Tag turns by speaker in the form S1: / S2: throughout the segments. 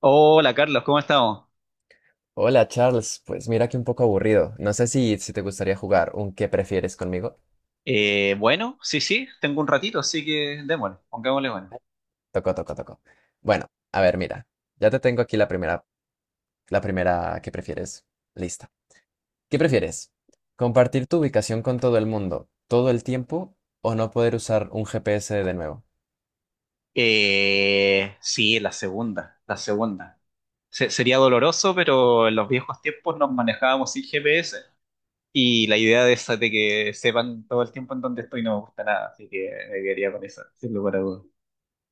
S1: Hola Carlos, ¿cómo estamos?
S2: Hola Charles, pues mira que un poco aburrido. No sé si te gustaría jugar un ¿qué prefieres conmigo?
S1: Bueno, sí, sí, tengo un ratito, así que démosle, pongámosle bueno.
S2: Toco, toco, toco. Bueno, a ver, mira, ya te tengo aquí la primera, la primera, ¿qué prefieres? Lista. ¿Qué prefieres? ¿Compartir tu ubicación con todo el mundo todo el tiempo o no poder usar un GPS de nuevo?
S1: Sí, la segunda, la segunda. Sería doloroso, pero en los viejos tiempos nos manejábamos sin GPS y la idea de esa de que sepan todo el tiempo en dónde estoy no me gusta nada, así que me quedaría con esa, sin lugar a dudas.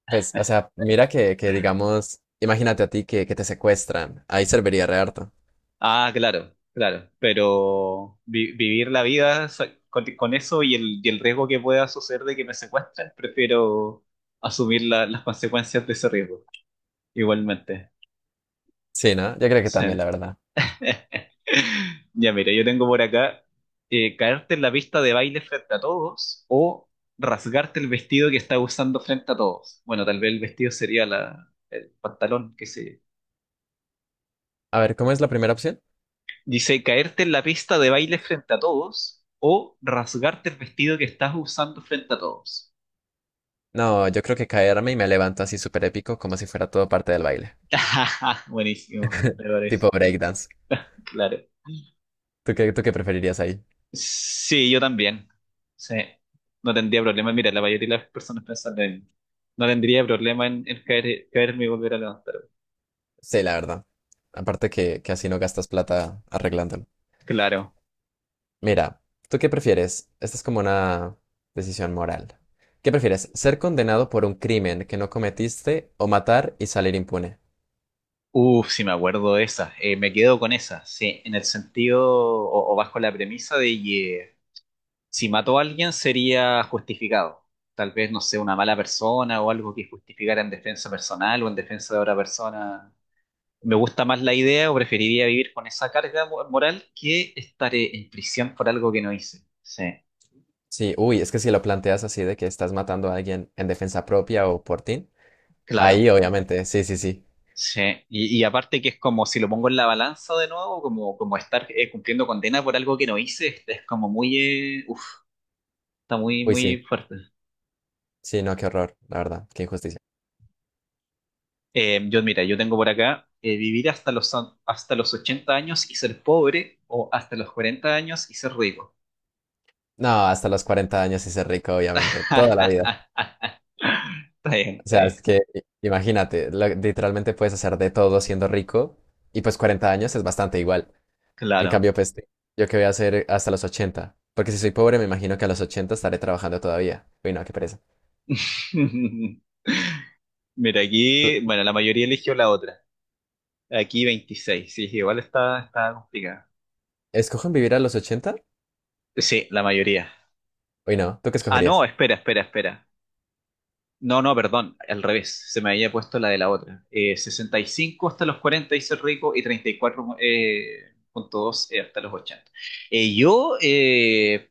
S2: Pues, o sea, mira que digamos, imagínate a ti que te secuestran. Ahí serviría re harto.
S1: Ah, claro, claro, pero vivir la vida con, eso y el riesgo que pueda suceder de que me secuestren, prefiero asumir las consecuencias de ese riesgo, igualmente.
S2: Sí, ¿no? Yo creo que
S1: Sí.
S2: también, la verdad.
S1: Ya mira, yo tengo por acá caerte en la pista de baile frente a todos o rasgarte el vestido que estás usando frente a todos. Bueno, tal vez el vestido sería la, el pantalón, que sé yo.
S2: A ver, ¿cómo es la primera opción?
S1: Dice, caerte en la pista de baile frente a todos o rasgarte el vestido que estás usando frente a todos.
S2: No, yo creo que caerme y me levanto así súper épico, como si fuera todo parte del baile.
S1: Buenísimo, me parece,
S2: Tipo breakdance.
S1: claro.
S2: Tú qué preferirías ahí?
S1: Sí, yo también. Sí, no tendría problema. Mira, la mayoría de las personas piensan lo mismo. No tendría problema en caerme y volver a levantar.
S2: Sí, la verdad. Aparte que así no gastas plata arreglándolo.
S1: Claro.
S2: Mira, ¿tú qué prefieres? Esta es como una decisión moral. ¿Qué prefieres? ¿Ser condenado por un crimen que no cometiste o matar y salir impune?
S1: Uf, sí me acuerdo de esa. Me quedo con esa, sí, en el sentido o, bajo la premisa de que si mató a alguien sería justificado. Tal vez, no sé, una mala persona o algo que justificara en defensa personal o en defensa de otra persona. Me gusta más la idea o preferiría vivir con esa carga moral que estaré en prisión por algo que no hice. Sí,
S2: Sí, uy, es que si lo planteas así de que estás matando a alguien en defensa propia o por ti,
S1: claro.
S2: ahí obviamente, sí, sí, sí.
S1: Sí. Y aparte que es como si lo pongo en la balanza de nuevo, como estar cumpliendo condena por algo que no hice, es como muy, uf, está muy,
S2: Uy, sí.
S1: muy fuerte.
S2: Sí, no, qué horror, la verdad, qué injusticia.
S1: Mira, yo tengo por acá vivir hasta los 80 años y ser pobre o hasta los 40 años y ser rico.
S2: No, hasta los 40 años y ser rico, obviamente, toda la vida.
S1: Está bien,
S2: O
S1: está
S2: sea, es
S1: bien.
S2: que imagínate, literalmente puedes hacer de todo siendo rico y pues 40 años es bastante igual. En
S1: Claro.
S2: cambio, pues yo qué voy a hacer hasta los ochenta, porque si soy pobre me imagino que a los 80 estaré trabajando todavía. Uy, no, qué pereza.
S1: Mira,
S2: ¿Tú
S1: aquí, bueno, la mayoría eligió la otra. Aquí 26 sí, igual está complicada.
S2: escogen vivir a los ochenta?
S1: Sí, la mayoría.
S2: Uy, no, ¿tú qué
S1: Ah, no,
S2: escogerías?
S1: espera, espera, espera. No, no, perdón, al revés, se me había puesto la de la otra. Sesenta y cinco hasta los 40 dice el rico y 34,2 hasta los 80. Eh, yo, eh,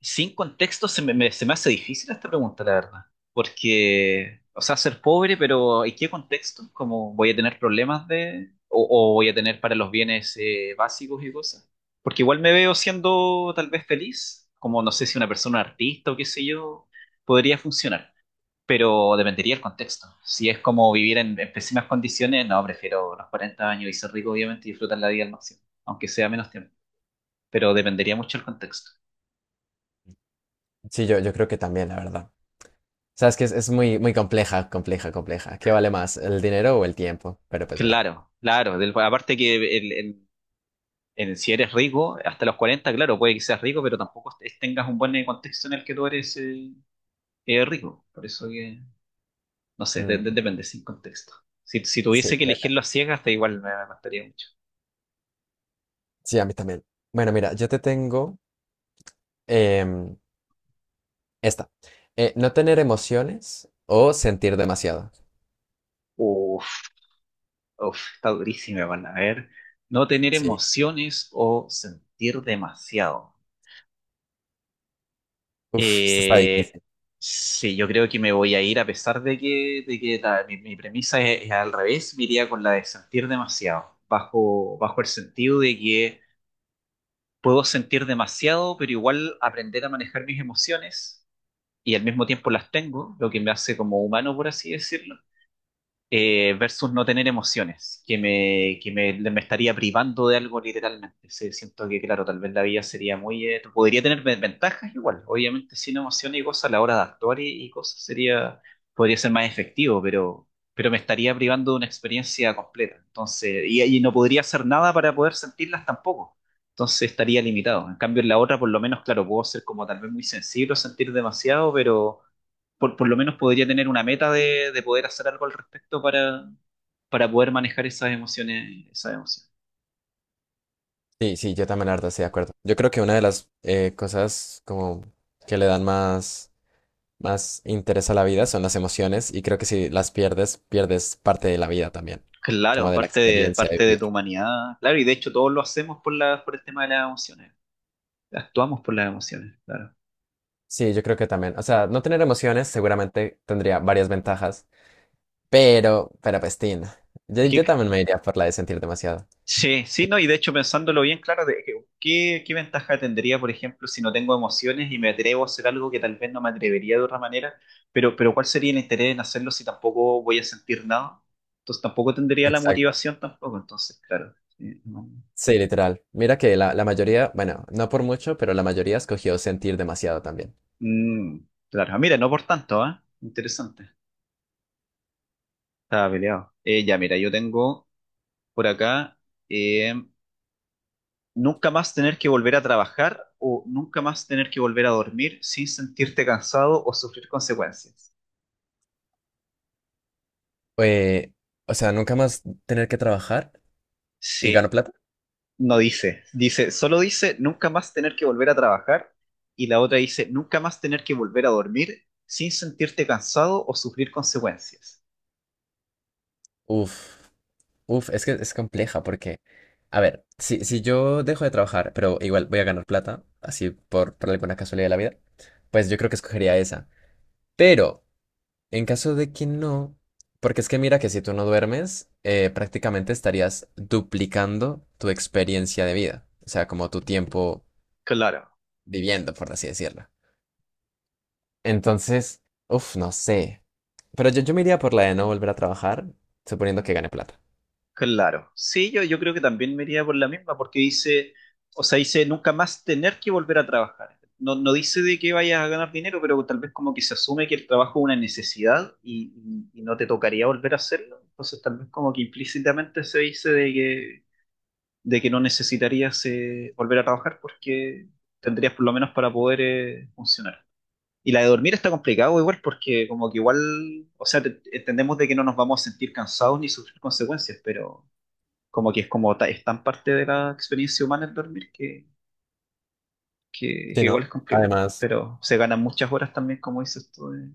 S1: sin contexto, se me hace difícil esta pregunta, la verdad. Porque, o sea, ser pobre, pero ¿en qué contexto? ¿Cómo voy a tener problemas de, o voy a tener para los bienes básicos y cosas? Porque igual me veo siendo tal vez feliz, como no sé si una persona artista o qué sé yo, podría funcionar pero dependería el contexto. Si es como vivir en pésimas condiciones, no, prefiero los 40 años y ser rico, obviamente, y disfrutar la vida al máximo, aunque sea menos tiempo. Pero dependería mucho el contexto.
S2: Sí, yo creo que también, la verdad. O sea, es que es muy, muy compleja, compleja, compleja. ¿Qué vale más, el dinero?
S1: Claro, claro. Aparte que si eres rico, hasta los 40, claro, puede que seas rico, pero tampoco tengas un buen contexto en el que tú eres rico. Por eso que, no sé, depende, sin contexto. Si tuviese que elegirlo a ciegas, da igual me costaría mucho.
S2: Em, Esta. ¿No tener emociones o sentir demasiado?
S1: Uf. Uf, está durísima, van a ver. No tener
S2: Sí.
S1: emociones o sentir demasiado.
S2: Uf, esta está
S1: Eh,
S2: difícil.
S1: sí, yo creo que me voy a ir, a pesar de que mi premisa es al revés, me iría con la de sentir demasiado, bajo el sentido de que puedo sentir demasiado, pero igual aprender a manejar mis emociones y al mismo tiempo las tengo, lo que me hace como humano, por así decirlo versus no tener emociones, que me, me estaría privando de algo literalmente. Sí, siento que, claro, tal vez la vida sería muy, podría tener ventajas igual, obviamente sin emociones y cosas a la hora de actuar y cosas sería, podría ser más efectivo, pero me estaría privando de una experiencia completa. Entonces, y no podría hacer nada para poder sentirlas tampoco. Entonces estaría limitado. En cambio, en la otra, por lo menos, claro, puedo ser como tal vez muy sensible o sentir demasiado, pero por lo menos podría tener una meta de poder hacer algo al respecto para poder manejar esas emociones, esas emociones.
S2: Sí, sí, yo también la verdad estoy de acuerdo. Yo creo que una de las cosas como que le dan más, más interés a la vida son las emociones, y creo que si las pierdes, pierdes parte de la vida también, como
S1: Claro,
S2: de la
S1: parte de,
S2: experiencia de
S1: parte de
S2: vivir.
S1: tu humanidad, claro, y de hecho todos lo hacemos por la, por el tema de las emociones, actuamos por las emociones, claro.
S2: Sí, yo creo que también. O sea, no tener emociones seguramente tendría varias ventajas, pero pues, tin, yo,
S1: Es que.
S2: yo también me iría por la de sentir demasiado.
S1: Sí, sí, no, y de hecho pensándolo bien, claro, ¿qué ventaja tendría, por ejemplo, si no tengo emociones y me atrevo a hacer algo que tal vez no me atrevería de otra manera? Pero ¿cuál sería el interés en hacerlo si tampoco voy a sentir nada? Entonces tampoco tendría la
S2: Exacto.
S1: motivación tampoco, entonces, claro. Sí, no.
S2: Sí, literal. Mira que la mayoría, bueno, no por mucho, pero la mayoría escogió sentir demasiado también.
S1: Mm, claro, ah, mira, no por tanto, ¿ah? Interesante. Estaba peleado. Ya, mira, yo tengo por acá eh, nunca más tener que volver a trabajar o nunca más tener que volver a dormir sin sentirte cansado o sufrir consecuencias.
S2: Eh, o sea, nunca más tener que trabajar y gano
S1: Sí,
S2: plata.
S1: no dice, solo dice nunca más tener que volver a trabajar y la otra dice nunca más tener que volver a dormir sin sentirte cansado o sufrir consecuencias.
S2: Uf. Uf, es que es compleja porque, a ver, si yo dejo de trabajar, pero igual voy a ganar plata, así por alguna casualidad de la vida, pues yo creo que escogería esa. Pero, en caso de que no, porque es que mira que si tú no duermes, prácticamente estarías duplicando tu experiencia de vida, o sea, como tu tiempo
S1: Claro.
S2: viviendo, por así decirlo. Entonces, uf, no sé. Pero yo me iría por la de no volver a trabajar, suponiendo que gane plata.
S1: Claro, sí, yo creo que también me iría por la misma, porque dice, o sea, dice nunca más tener que volver a trabajar. No, no dice de que vayas a ganar dinero, pero tal vez como que se asume que el trabajo es una necesidad y no te tocaría volver a hacerlo. Entonces tal vez como que implícitamente se dice de que, no necesitarías volver a trabajar porque tendrías por lo menos para poder funcionar. Y la de dormir está complicado igual porque como que igual, o sea, entendemos de que no nos vamos a sentir cansados ni sufrir consecuencias, pero como que es como es tan parte de la experiencia humana el dormir que,
S2: Sí,
S1: igual
S2: ¿no?
S1: es complicado,
S2: Además.
S1: pero se ganan muchas horas también, como dices tú, de,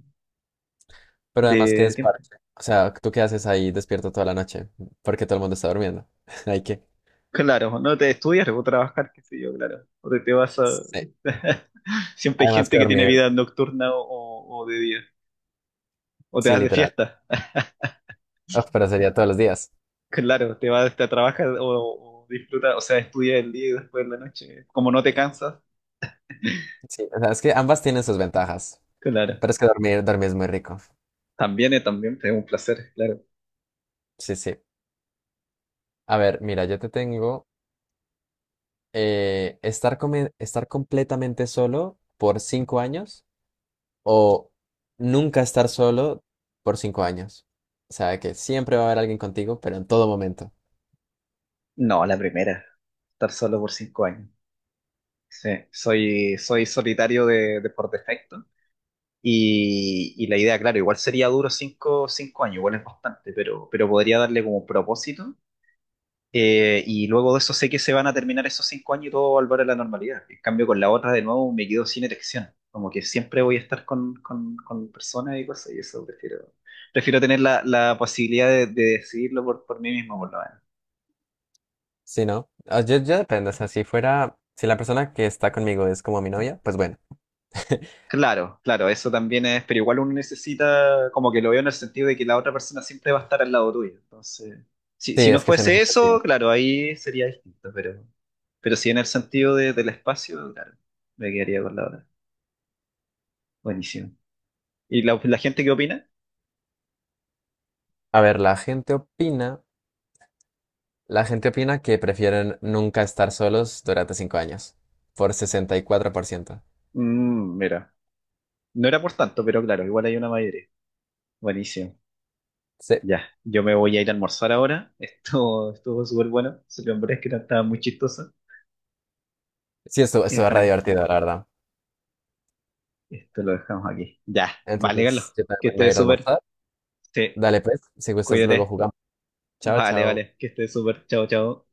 S2: Pero además que
S1: de tiempo.
S2: desparche. O sea, ¿tú qué haces ahí despierto toda la noche? Porque todo el mundo está durmiendo. Hay que.
S1: Claro, no te estudias, o trabajar, qué sé yo, claro, o te vas a.
S2: Sí.
S1: Siempre hay
S2: Además
S1: gente
S2: que
S1: que tiene
S2: dormir,
S1: vida nocturna o de día, o te
S2: sí,
S1: vas de
S2: literal.
S1: fiesta,
S2: Ah, pero sería todos los días.
S1: claro, te vas te trabajas o disfrutas, o sea, estudias el día y después en la noche, como no te cansas,
S2: Sí, o sea, es que ambas tienen sus ventajas.
S1: claro,
S2: Pero es que dormir, dormir es muy rico.
S1: también, también es un placer, claro.
S2: Sí, sí. A ver, mira, yo te tengo estar, estar completamente solo por cinco años o nunca estar solo por cinco años. O sea, que siempre va a haber alguien contigo, pero en todo momento.
S1: No, la primera, estar solo por 5 años. Sí, soy solitario de por defecto. Y la idea, claro, igual sería duro cinco años, igual es bastante, pero podría darle como propósito. Y luego de eso sé que se van a terminar esos 5 años y todo va a volver a la normalidad. En cambio, con la otra, de nuevo, me quedo sin erección. Como que siempre voy a estar con personas y cosas, y eso prefiero tener la posibilidad de decidirlo por mí mismo, por lo menos.
S2: Sí, ¿no? Ah, yo depende, o sea, si fuera, si la persona que está conmigo es como mi novia, pues bueno.
S1: Claro, claro, eso también es, pero igual uno necesita, como que lo veo en el sentido de que la otra persona siempre va a estar al lado tuyo. Entonces, si,
S2: Sí,
S1: si no
S2: es que es en
S1: fuese
S2: ese
S1: eso,
S2: sentido.
S1: claro, ahí sería distinto, pero sí en el sentido del espacio, claro, me quedaría con la otra. Buenísimo. ¿Y la gente qué opina?
S2: A ver, la gente opina que prefieren nunca estar solos durante cinco años, por 64%.
S1: Mm, mira, no era por tanto, pero claro, igual hay una mayoría. Buenísimo.
S2: Sí,
S1: Ya, yo me voy a ir a almorzar ahora. Esto estuvo súper bueno. Se lo que no estaba muy chistoso.
S2: sí, esto
S1: Y
S2: estuvo
S1: dejar
S2: re
S1: aquí.
S2: divertido, la verdad.
S1: Esto lo dejamos aquí. Ya, vale, Carlos.
S2: Entonces, yo
S1: Que
S2: también me voy a
S1: estés
S2: ir a
S1: súper.
S2: almorzar.
S1: Sí,
S2: Dale, pues, si gustas, luego
S1: cuídate.
S2: jugamos. Chao,
S1: Vale,
S2: chao.
S1: vale. Que estés súper. Chao, chao.